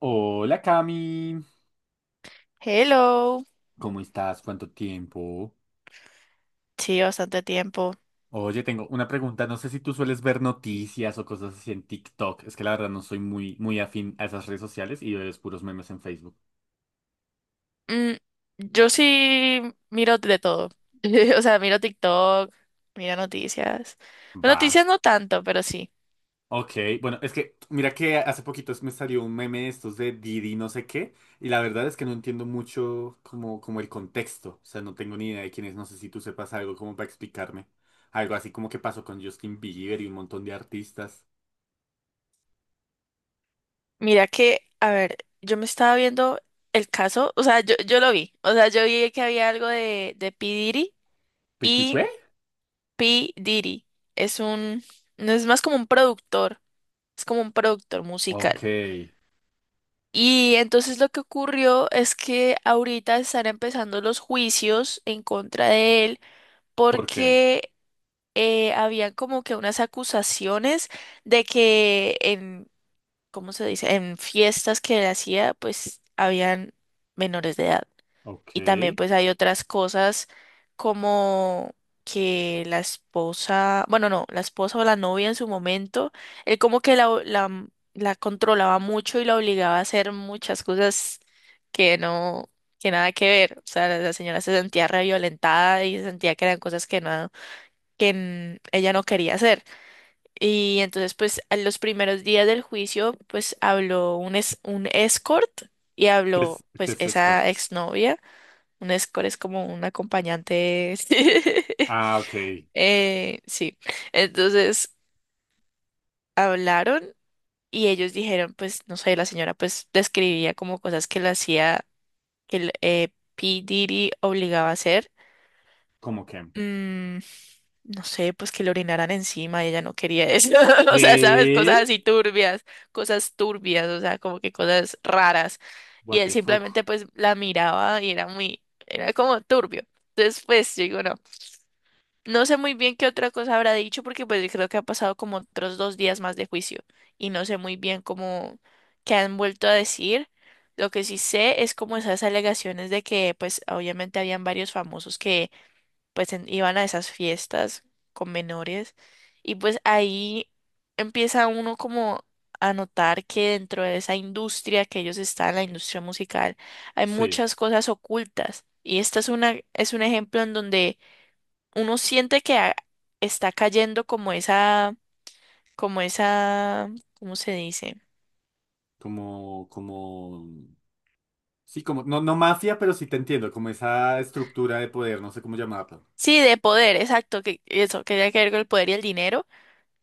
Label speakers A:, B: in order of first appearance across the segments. A: Hola Cami,
B: Hello.
A: ¿cómo estás? ¿Cuánto tiempo?
B: Sí, bastante tiempo.
A: Oye, tengo una pregunta, no sé si tú sueles ver noticias o cosas así en TikTok, es que la verdad no soy muy afín a esas redes sociales y veo es puros memes en Facebook.
B: Mm, yo sí miro de todo. O sea, miro TikTok, miro noticias. Bueno,
A: Va.
B: noticias no tanto, pero sí.
A: Ok, bueno, es que mira que hace poquito me salió un meme de estos de Didi no sé qué, y la verdad es que no entiendo mucho como el contexto, o sea, no tengo ni idea de quién es, no sé si tú sepas algo como para explicarme, algo así como que pasó con Justin Bieber y un montón de artistas.
B: Mira que, a ver, yo me estaba viendo el caso, o sea, yo lo vi. O sea, yo vi que había algo de P. Diddy
A: ¿Pico y
B: y
A: qué?
B: P. Diddy es un, no es más como un productor, es como un productor
A: Ok.
B: musical. Y entonces lo que ocurrió es que ahorita están empezando los juicios en contra de él
A: ¿Por qué?
B: porque habían como que unas acusaciones de que en, ¿cómo se dice? En fiestas que él hacía, pues habían menores de edad.
A: Ok.
B: Y también pues hay otras cosas como que la esposa, bueno, no, la esposa o la novia en su momento, él como que la controlaba mucho y la obligaba a hacer muchas cosas que no, que nada que ver. O sea, la señora se sentía re violentada y sentía que eran cosas que no, ella no quería hacer. Y entonces pues a los primeros días del juicio pues habló un escort y habló
A: Qué
B: pues
A: es escort?
B: esa exnovia. Un escort es como un acompañante.
A: Ah, ok.
B: Sí. Entonces hablaron y ellos dijeron, pues, no sé, la señora pues describía como cosas que le hacía, que el P. Diddy obligaba a hacer.
A: ¿Cómo que?
B: Mm, no sé, pues que le orinaran encima, ella no quería eso. O sea, sabes, cosas
A: ¿Qué?
B: así turbias, cosas turbias, o sea, como que cosas raras. Y
A: What
B: él
A: the fuck.
B: simplemente pues la miraba y era como turbio. Entonces, pues, yo digo, no. No sé muy bien qué otra cosa habrá dicho porque pues creo que ha pasado como otros dos días más de juicio y no sé muy bien cómo qué han vuelto a decir. Lo que sí sé es como esas alegaciones de que pues obviamente habían varios famosos que pues iban a esas fiestas con menores y pues ahí empieza uno como a notar que dentro de esa industria que ellos están, la industria musical, hay
A: Sí.
B: muchas cosas ocultas y esta es una es un ejemplo en donde uno siente que está cayendo como esa, ¿cómo se dice?
A: Como, como. Sí, como. No, no mafia, pero sí te entiendo. Como esa estructura de poder, no sé cómo llamarlo.
B: Sí, de poder, exacto, que eso, que tiene que ver con el poder y el dinero,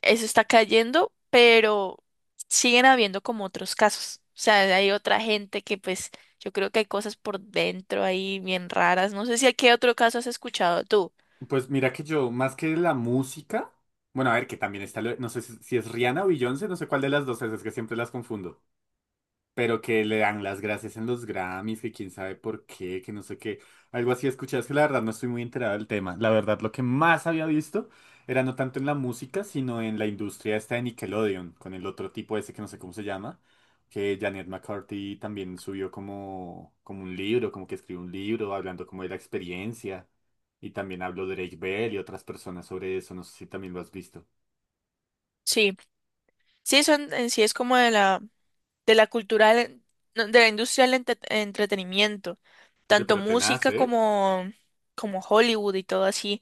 B: eso está cayendo, pero siguen habiendo como otros casos. O sea, hay otra gente que pues yo creo que hay cosas por dentro ahí bien raras. No sé si a qué otro caso has escuchado tú.
A: Pues mira que yo, más que la música. Bueno, a ver, que también está. No sé si es Rihanna o Beyoncé, no sé cuál de las dos es que siempre las confundo. Pero que le dan las gracias en los Grammys, que quién sabe por qué, que no sé qué, algo así escuché, es que la verdad no estoy muy enterado del tema. La verdad lo que más había visto era no tanto en la música, sino en la industria esta de Nickelodeon, con el otro tipo ese que no sé cómo se llama, que Janet McCarthy también subió como un libro, como que escribió un libro hablando como de la experiencia. Y también habló Drake Bell y otras personas sobre eso, no sé si también lo has visto.
B: Sí, sí, eso en sí es como de la cultura no, de la industria del entretenimiento,
A: Oye,
B: tanto
A: pero tenaz,
B: música
A: ¿eh?
B: como Hollywood y todo así.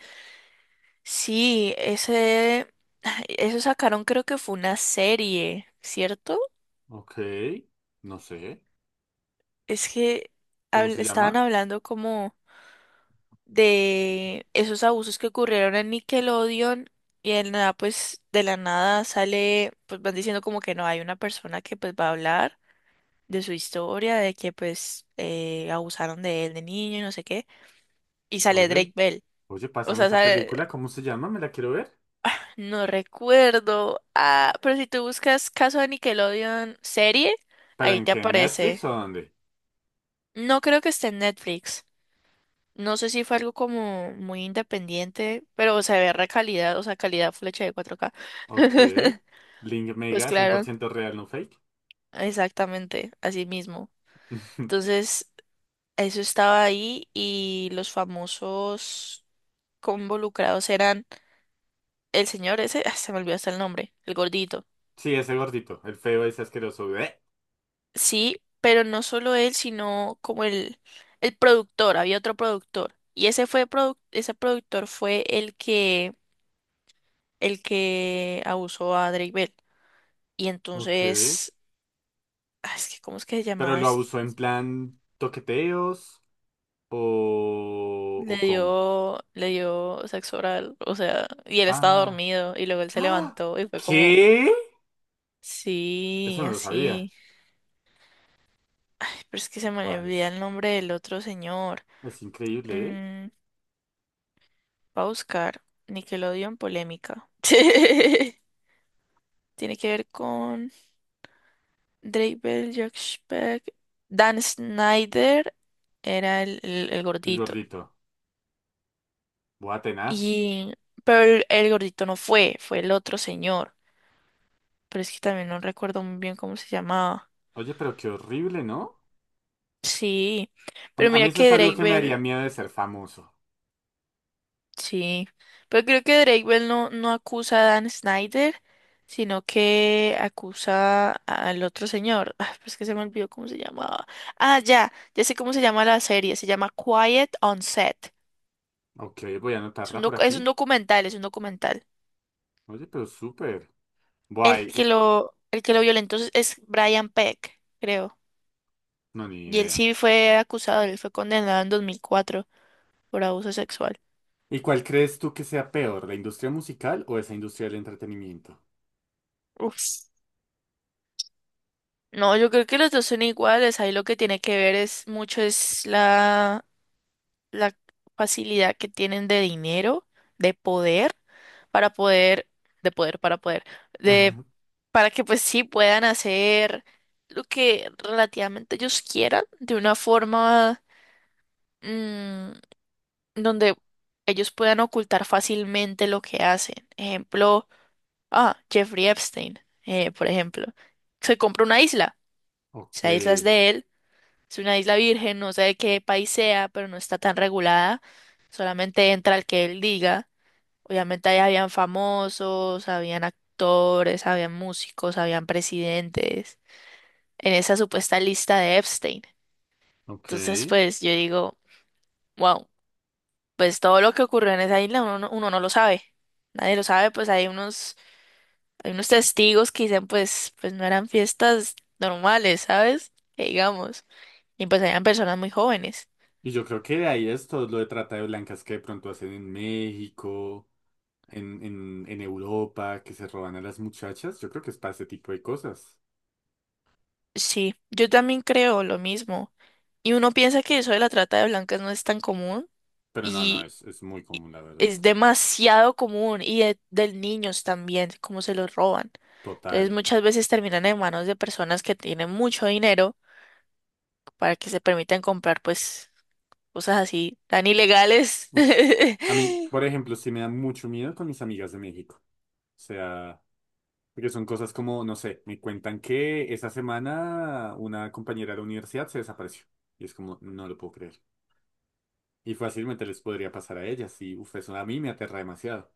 B: Sí, eso sacaron, creo que fue una serie, ¿cierto?
A: Ok, no sé.
B: Es que
A: ¿Cómo se
B: estaban
A: llama?
B: hablando como de esos abusos que ocurrieron en Nickelodeon y en nada, pues de la nada sale, pues van diciendo como que no hay una persona que pues va a hablar. De su historia, de que pues abusaron de él de niño y no sé qué. Y sale
A: Oye.
B: Drake Bell.
A: Oye,
B: O
A: pásame
B: sea,
A: esa película, ¿cómo se llama? Me la quiero ver.
B: no recuerdo. Ah, pero si tú buscas caso de Nickelodeon serie,
A: ¿Pero
B: ahí
A: en
B: te
A: qué? ¿En
B: aparece.
A: ¿Netflix o dónde?
B: No creo que esté en Netflix. No sé si fue algo como muy independiente, pero se ve re calidad, o sea, calidad flecha de 4K.
A: Ok. Link
B: Pues
A: Mega, cien por
B: claro,
A: ciento real, no fake.
B: exactamente, así mismo. Entonces, eso estaba ahí y los famosos involucrados eran el señor ese, se me olvidó hasta el nombre, el gordito.
A: Sí, ese gordito, el feo ese asqueroso. Bleh.
B: Sí, pero no solo él, sino como el productor, había otro productor. Y ese productor fue el que abusó a Drake Bell. Y
A: Ok.
B: entonces, es que, ¿cómo es que se
A: ¿Pero
B: llamaba?
A: lo abusó en plan toqueteos o,
B: Le
A: o cómo?
B: dio, le dio sexo oral, o sea, y él estaba
A: Ah.
B: dormido, y luego él se
A: ¡Ah!
B: levantó y fue como,
A: ¿Qué? Eso
B: sí,
A: no lo sabía.
B: así. Ay, pero es que se me
A: Guau,
B: olvida
A: Es,
B: el nombre del otro señor.
A: es increíble, ¿eh?
B: Mm, Va a buscar Nickelodeon polémica. Tiene que ver con Drake Bell, Jack Speck. Dan Snyder era el
A: El
B: gordito.
A: gordito. Buah, tenaz.
B: Y, pero el gordito no fue, fue el otro señor. Pero es que también no recuerdo muy bien cómo se llamaba.
A: Oye, pero qué horrible, ¿no?
B: Sí, pero
A: A mí
B: mira
A: eso es
B: que
A: algo
B: Drake
A: que me daría
B: Bell.
A: miedo de ser famoso.
B: Sí, pero creo que Drake Bell no acusa a Dan Snyder, sino que acusa al otro señor. Ah, pero es que se me olvidó cómo se llamaba. Ah, ya, ya sé cómo se llama la serie, se llama Quiet on Set.
A: Ok, voy a
B: Es
A: anotarla
B: un
A: por
B: doc- es un
A: aquí.
B: documental, es un documental.
A: Oye, pero súper.
B: El
A: Guay,
B: que lo, el que lo violentó es Brian Peck, creo.
A: no, ni
B: Y él
A: idea.
B: sí fue acusado, él fue condenado en 2004 por abuso sexual.
A: ¿Y cuál crees tú que sea peor, la industria musical o esa industria del entretenimiento?
B: Uf. No, yo creo que los dos son iguales. Ahí lo que tiene que ver es mucho es la facilidad que tienen de dinero, de poder, para poder, de poder, para poder, de, para que pues sí puedan hacer lo que relativamente ellos quieran, de una forma mm, donde ellos puedan ocultar fácilmente lo que hacen. Ejemplo, Jeffrey Epstein, por ejemplo, se compra una isla,
A: Ok,
B: esa isla es de él, es una isla virgen, no sé de qué país sea, pero no está tan regulada. Solamente entra el que él diga. Obviamente ahí habían famosos, habían actores, habían músicos, habían presidentes, en esa supuesta lista de Epstein.
A: ok.
B: Entonces, pues yo digo, wow, pues todo lo que ocurrió en esa isla uno no lo sabe. Nadie lo sabe, pues hay unos testigos que dicen, pues no eran fiestas normales, ¿sabes? Que digamos. Y pues eran personas muy jóvenes.
A: Y yo creo que de ahí es todo lo de trata de blancas que de pronto hacen en México, en Europa, que se roban a las muchachas. Yo creo que es para ese tipo de cosas.
B: Sí, yo también creo lo mismo. Y uno piensa que eso de la trata de blancas no es tan común
A: Pero no,
B: y
A: es muy común, la verdad.
B: es demasiado común y de niños también, cómo se los roban. Entonces
A: Total.
B: muchas veces terminan en manos de personas que tienen mucho dinero para que se permitan comprar pues cosas así tan ilegales.
A: Uf. A mí, por ejemplo, sí me da mucho miedo con mis amigas de México. O sea... Porque son cosas como, no sé, me cuentan que esa semana una compañera de la universidad se desapareció. Y es como, no lo puedo creer. Y fácilmente les podría pasar a ellas. Y uf, eso a mí me aterra demasiado.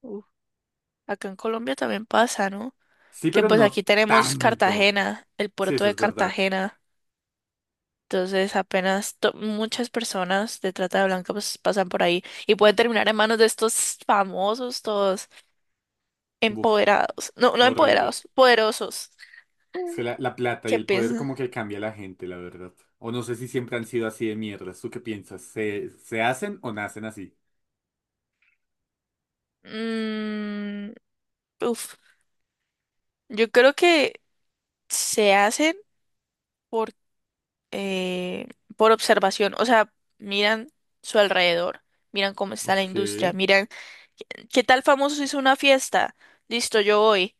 B: Uf, acá en Colombia también pasa, ¿no?
A: Sí,
B: Que
A: pero
B: pues aquí
A: no
B: tenemos
A: tanto.
B: Cartagena, el
A: Sí,
B: puerto
A: eso
B: de
A: es verdad.
B: Cartagena. Entonces, apenas muchas personas de trata de blanca pues pasan por ahí y pueden terminar en manos de estos famosos, todos
A: Uf,
B: empoderados, no, no
A: horrible.
B: empoderados, poderosos.
A: Es que la plata y
B: ¿Qué
A: el poder
B: piensan?
A: como que cambia a la gente, la verdad. O no sé si siempre han sido así de mierdas. ¿Tú qué piensas? ¿Se hacen o nacen así?
B: Mm, uf, yo creo que se hacen por, eh, por observación, o sea, miran su alrededor, miran cómo está la
A: Ok,
B: industria, miran, ¿qué tal famoso hizo una fiesta? Listo, yo voy.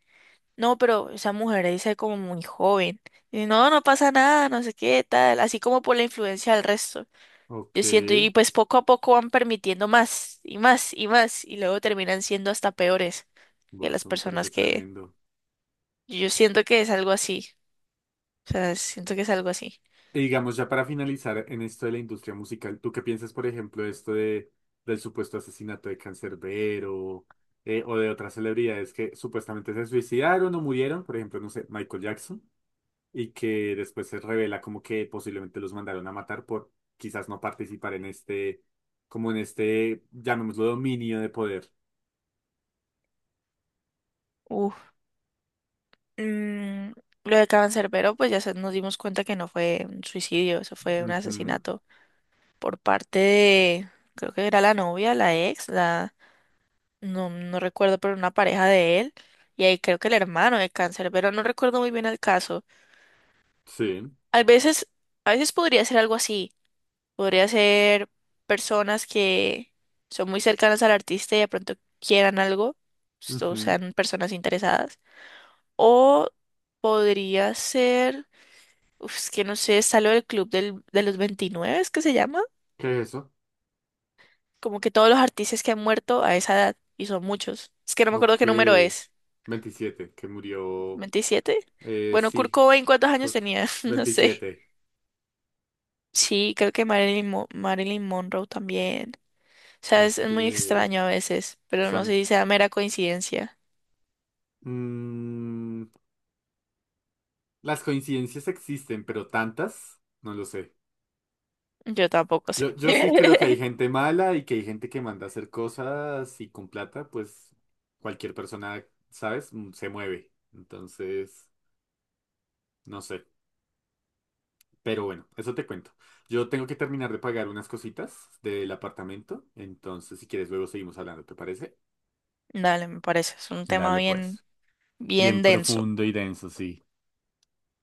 B: No, pero esa mujer ahí se ve como muy joven. Y no pasa nada, no sé qué, tal, así como por la influencia del resto.
A: ok.
B: Yo siento, y pues poco a poco van permitiendo más y más y más, y luego terminan siendo hasta peores que
A: Buah,
B: las
A: eso me parece
B: personas que
A: tremendo.
B: yo siento que es algo así. O sea, siento que es algo así.
A: Y digamos, ya para finalizar en esto de la industria musical, ¿tú qué piensas, por ejemplo, de esto de, del supuesto asesinato de Canserbero, o de otras celebridades que supuestamente se suicidaron o murieron? Por ejemplo, no sé, Michael Jackson, y que después se revela como que posiblemente los mandaron a matar por quizás no participar en este, como en este, llamémoslo, dominio de poder.
B: Uf. Mm, lo de Cancerbero, pues ya nos dimos cuenta que no fue un suicidio, eso fue un
A: Ujú,
B: asesinato por parte de, creo que era la novia, la ex, no, no recuerdo, pero una pareja de él, y ahí creo que el hermano de cáncer, pero no recuerdo muy bien el caso.
A: sí.
B: A veces, a veces podría ser algo así, podría ser personas que son muy cercanas al artista y de pronto quieran algo, o
A: Ujú.
B: sean personas interesadas, o podría ser, uf, es que no sé, está lo del club de los 29, es que se llama,
A: ¿Qué es eso?
B: como que todos los artistas que han muerto a esa edad, y son muchos, es que no me acuerdo
A: Ok.
B: qué número es.
A: 27 que murió.
B: 27. Bueno, Kurt
A: Sí.
B: Cobain, ¿cuántos años
A: Cor-
B: tenía? No sé.
A: 27.
B: Sí, creo que Marilyn Monroe también. O sea, es
A: Ok.
B: muy
A: O
B: extraño a veces, pero no
A: sea,
B: sé si sea mera coincidencia.
A: mm, las coincidencias existen, pero tantas, no lo sé.
B: Yo tampoco sé.
A: Yo sí creo que hay gente mala y que hay gente que manda a hacer cosas y con plata, pues cualquier persona, ¿sabes? Se mueve. Entonces, no sé. Pero bueno, eso te cuento. Yo tengo que terminar de pagar unas cositas del apartamento. Entonces, si quieres, luego seguimos hablando, ¿te parece?
B: Dale, me parece. Es un tema
A: Dale,
B: bien,
A: pues.
B: bien
A: Bien
B: denso.
A: profundo y denso, sí.